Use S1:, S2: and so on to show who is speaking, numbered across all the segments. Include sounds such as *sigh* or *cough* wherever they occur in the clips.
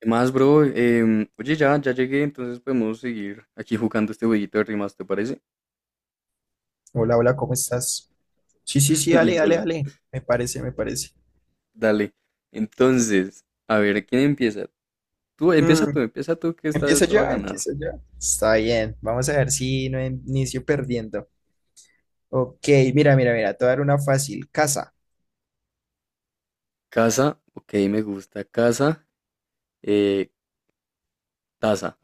S1: ¿Qué más, bro? Oye, ya llegué, entonces podemos seguir aquí jugando este jueguito de rimas, ¿te parece?
S2: Hola, hola, ¿cómo estás? Sí, sí,
S1: *laughs*
S2: sí, dale,
S1: Y
S2: dale,
S1: hola,
S2: dale. Me parece, me parece.
S1: dale. Entonces, a ver, ¿quién empieza? Tú,
S2: Mm,
S1: empieza tú, que esta vez
S2: empieza
S1: te va a
S2: ya,
S1: ganar.
S2: empieza ya. Está bien, vamos a ver si no inicio perdiendo. Ok, mira, mira, mira, te voy a dar una fácil. Casa,
S1: Casa, ok, me gusta. Casa, eh, taza.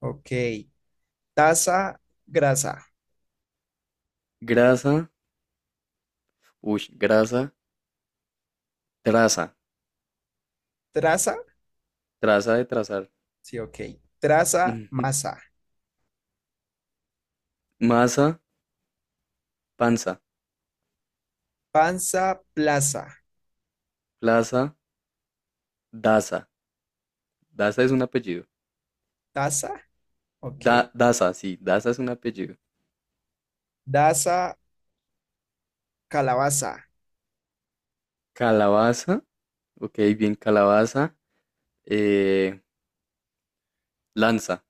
S2: ok. Taza, grasa.
S1: Grasa, uy, traza,
S2: Traza,
S1: traza de trazar.
S2: sí, ok. Traza,
S1: Ujú.
S2: masa.
S1: Masa, panza.
S2: Panza, plaza.
S1: Plaza, daza. Daza es un apellido.
S2: Taza, ok.
S1: Daza, sí, daza es un apellido.
S2: Daza, calabaza.
S1: Calabaza, ok, bien, calabaza. eh, lanza,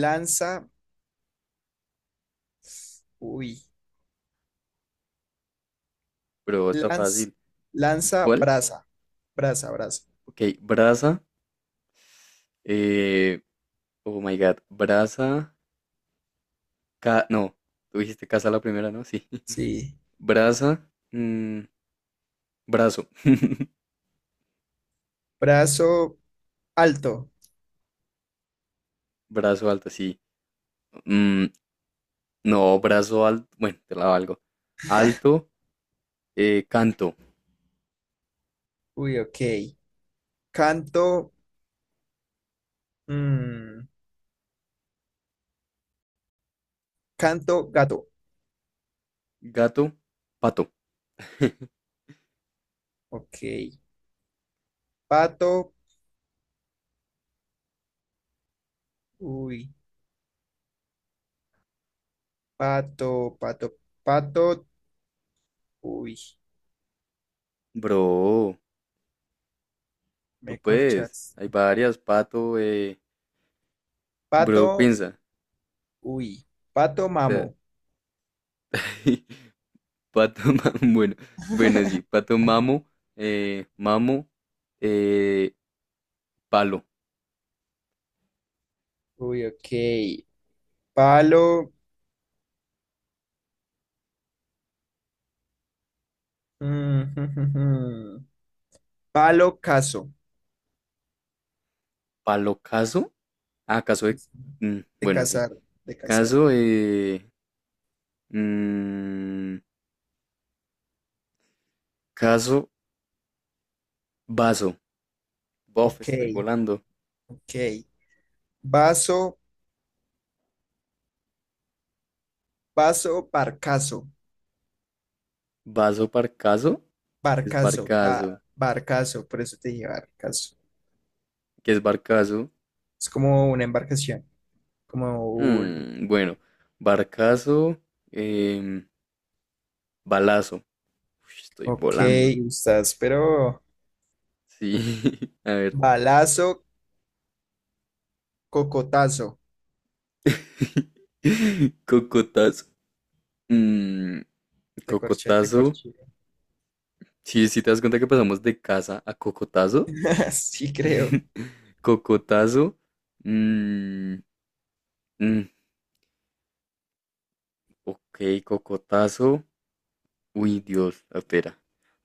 S2: Lanza, uy.
S1: pero está
S2: Lanz,
S1: fácil.
S2: lanza,
S1: ¿Cuál?
S2: brasa. Brasa, brasa.
S1: Ok, brasa. eh, oh my god, brasa. Ca no, tú dijiste casa la primera, ¿no? Sí.
S2: Sí.
S1: *laughs* Brasa. mm, Brazo. *laughs*
S2: Brazo alto.
S1: Brazo alto, sí. Mm, no, brazo alto. Bueno, te la valgo. Alto, canto.
S2: Uy, ok. Canto. mm, Canto gato.
S1: Gato, pato. *laughs*
S2: Ok. Pato. Uy. Pato, pato, pato. Uy.
S1: Bro, tú
S2: Me
S1: puedes.
S2: corchas.
S1: Hay varias, pato, bro,
S2: Pato.
S1: piensa.
S2: Uy. Pato
S1: Te-
S2: mamo.
S1: *laughs* Pato Mamo, *laughs* bueno, sí,
S2: *laughs*
S1: Pato Mamo, Mamo, eh, Palo,
S2: Uy, ok. Palo. mm, *laughs* Palo caso.
S1: Palo Caso, ah, Caso de, mm,
S2: De
S1: bueno, sí,
S2: cazar, de cazar.
S1: Caso, mm, Caso, Vaso, bof,
S2: Ok,
S1: estoy volando,
S2: ok. Vaso, vaso, barcazo.
S1: Vaso Parcaso, que es
S2: Barcazo, ba-
S1: Barcaso,
S2: barcazo, por eso te dije barcazo.
S1: qué es Barcaso,
S2: Es como una embarcación, como un...
S1: Mm, bueno, Barcaso, em, Balazo, Uy, estoy
S2: Ok,
S1: volando,
S2: estás, pero...
S1: sí, *laughs* a ver,
S2: Balazo, cocotazo.
S1: *laughs* Cocotazo. Mm,
S2: Te corché, te
S1: Cocotazo.
S2: corché.
S1: Sí, sí te das cuenta que pasamos de casa a Cocotazo.
S2: *laughs* Sí, creo.
S1: *laughs* Cocotazo. Mm, mm, ok, Cocotazo. Uy, Dios, espera.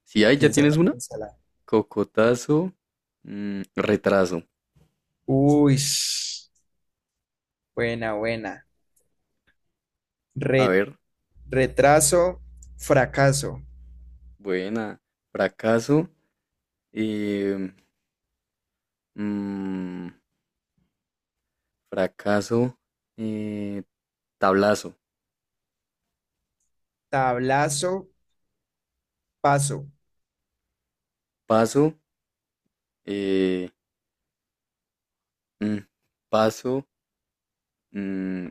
S1: Si hay, ya tienes
S2: Piénsala,
S1: una.
S2: piénsala.
S1: Cocotazo. Retraso.
S2: Uy, buena, buena.
S1: A
S2: Re-
S1: ver,
S2: retraso, fracaso.
S1: buena. Fracaso. eh, mm, Fracaso. eh, Tablazo.
S2: Tablazo, paso.
S1: Paso. eh, mm, Paso. mm,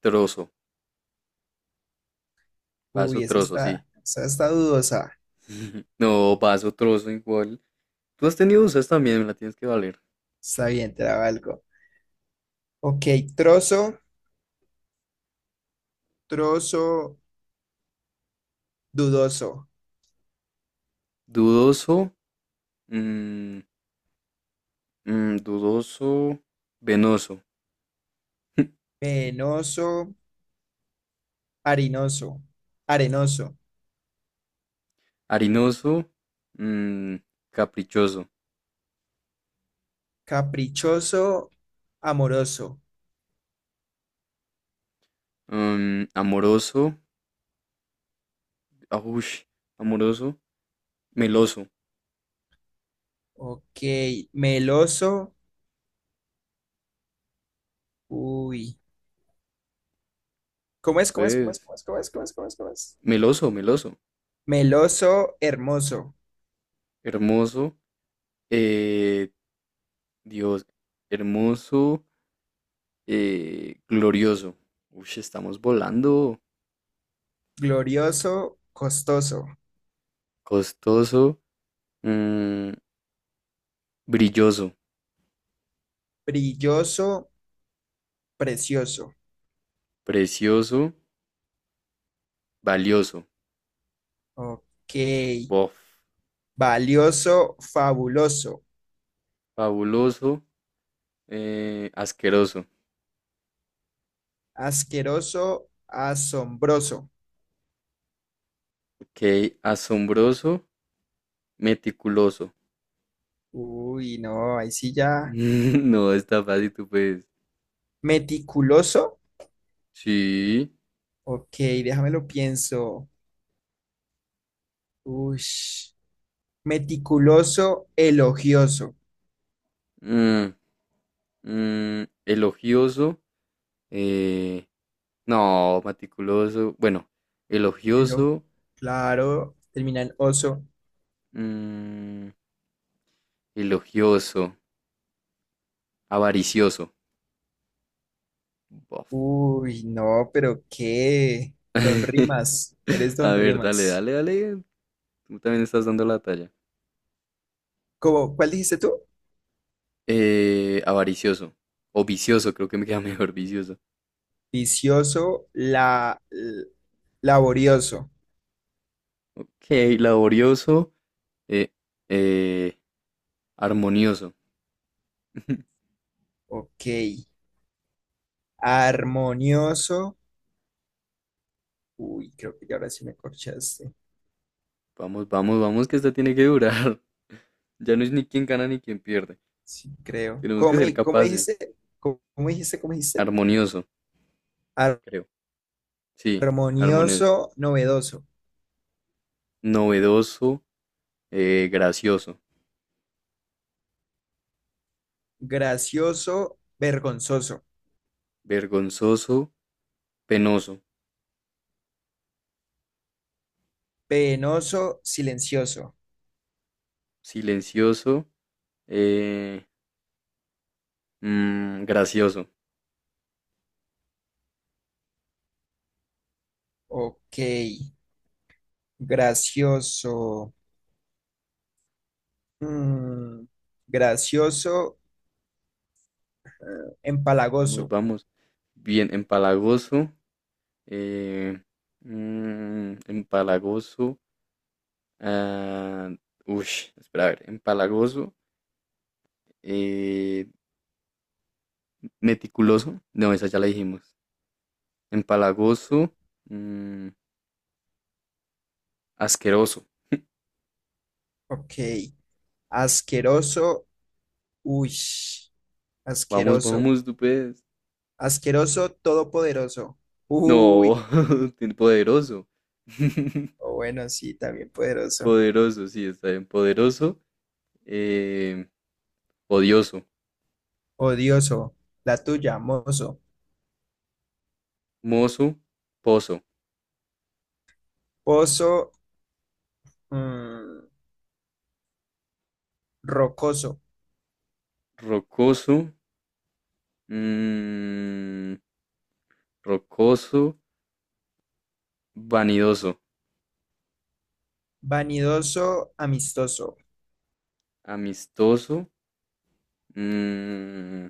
S1: Trozo. Vaso
S2: Uy,
S1: trozo, sí.
S2: esa está dudosa.
S1: *laughs* No, vaso trozo igual. Tú has tenido usas también, me la tienes que valer.
S2: Está bien, te la valgo. Ok, trozo, trozo. Dudoso,
S1: Dudoso, mm, dudoso, venoso, *laughs*
S2: penoso, harinoso, arenoso,
S1: harinoso, mm, caprichoso,
S2: caprichoso, amoroso.
S1: amoroso, ah, amoroso, meloso,
S2: Ok, meloso. Uy. ¿Cómo es? ¿Cómo es? ¿Cómo es?
S1: pues,
S2: ¿Cómo es? ¿Cómo es? ¿Cómo es? ¿Cómo es? ¿Cómo es?
S1: meloso,
S2: Meloso, hermoso,
S1: hermoso, eh, Dios, hermoso, glorioso. Uy, estamos volando.
S2: glorioso, costoso,
S1: Costoso, Mm, brilloso,
S2: brilloso, precioso.
S1: precioso, valioso,
S2: Ok.
S1: bof,
S2: Valioso, fabuloso,
S1: fabuloso, asqueroso,
S2: asqueroso, asombroso.
S1: ok, asombroso, meticuloso.
S2: Uy, no, ahí sí
S1: *laughs*
S2: ya.
S1: No, está fácil, tú puedes.
S2: Meticuloso,
S1: Sí,
S2: ok, déjame lo pienso. Ush. Meticuloso, elogioso.
S1: mm, elogioso, eh, no, meticuloso, bueno,
S2: Elo-
S1: elogioso,
S2: claro, termina en oso.
S1: mm, elogioso, avaricioso, bof.
S2: Uy, no, pero qué. Don
S1: *laughs*
S2: Rimas, eres
S1: A
S2: Don
S1: ver,
S2: Rimas.
S1: dale, tú también estás dando la talla.
S2: ¿Cómo, cuál dijiste tú?
S1: Avaricioso. O vicioso, creo que me queda *laughs* mejor vicioso.
S2: Vicioso, la, l- laborioso.
S1: Ok, laborioso. Eh, eh, Armonioso. *laughs*
S2: Ok. Armonioso. Uy, creo que ya ahora sí me corchaste.
S1: Vamos, que esta tiene que durar. *laughs* Ya no es ni quién gana ni quién pierde.
S2: Sí, creo.
S1: Tenemos
S2: ¿Cómo,
S1: que ser
S2: me- cómo
S1: capaces.
S2: dijiste? ¿Cómo, cómo dijiste? ¿Cómo dijiste?
S1: Armonioso, creo. Sí, armonioso.
S2: Armonioso, novedoso,
S1: Novedoso, gracioso.
S2: gracioso, vergonzoso,
S1: Vergonzoso, penoso.
S2: penoso, silencioso.
S1: Silencioso, eh, gracioso.
S2: Ok, gracioso, mm, gracioso,
S1: Vamos,
S2: empalagoso.
S1: vamos. Bien, empalagoso. eh, Empalagoso. ah, Ush, espera, a ver. Empalagoso. eh, Meticuloso. No, esa ya la dijimos. Empalagoso. mm, Asqueroso.
S2: Ok, asqueroso, uy,
S1: Vamos,
S2: asqueroso,
S1: vamos, tú puedes.
S2: asqueroso, todopoderoso. Uy,
S1: No, *laughs* tiene poderoso. *laughs*
S2: o bueno, sí, también poderoso.
S1: Poderoso, sí, está bien. Poderoso. eh, Odioso.
S2: Odioso, la tuya, mozo,
S1: Mozo. Pozo.
S2: pozo, mm, rocoso.
S1: Rocoso. mm, Rocoso, vanidoso,
S2: Vanidoso, amistoso.
S1: amistoso, mm,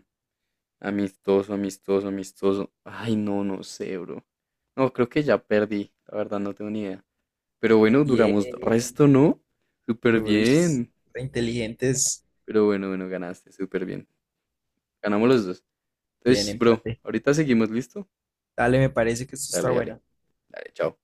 S1: amistoso, amistoso. Ay, no, no sé, bro. No, creo que ya perdí, la verdad no tengo ni idea. Pero bueno, duramos
S2: Bien.
S1: resto, ¿no? Súper
S2: Uy,
S1: bien.
S2: re inteligentes.
S1: Pero bueno, ganaste, súper bien. Ganamos los dos.
S2: Bien,
S1: Entonces, bro,
S2: empate.
S1: ahorita seguimos, ¿listo?
S2: Dale, me parece que esto está
S1: Dale, dale,
S2: bueno.
S1: Dale, chao.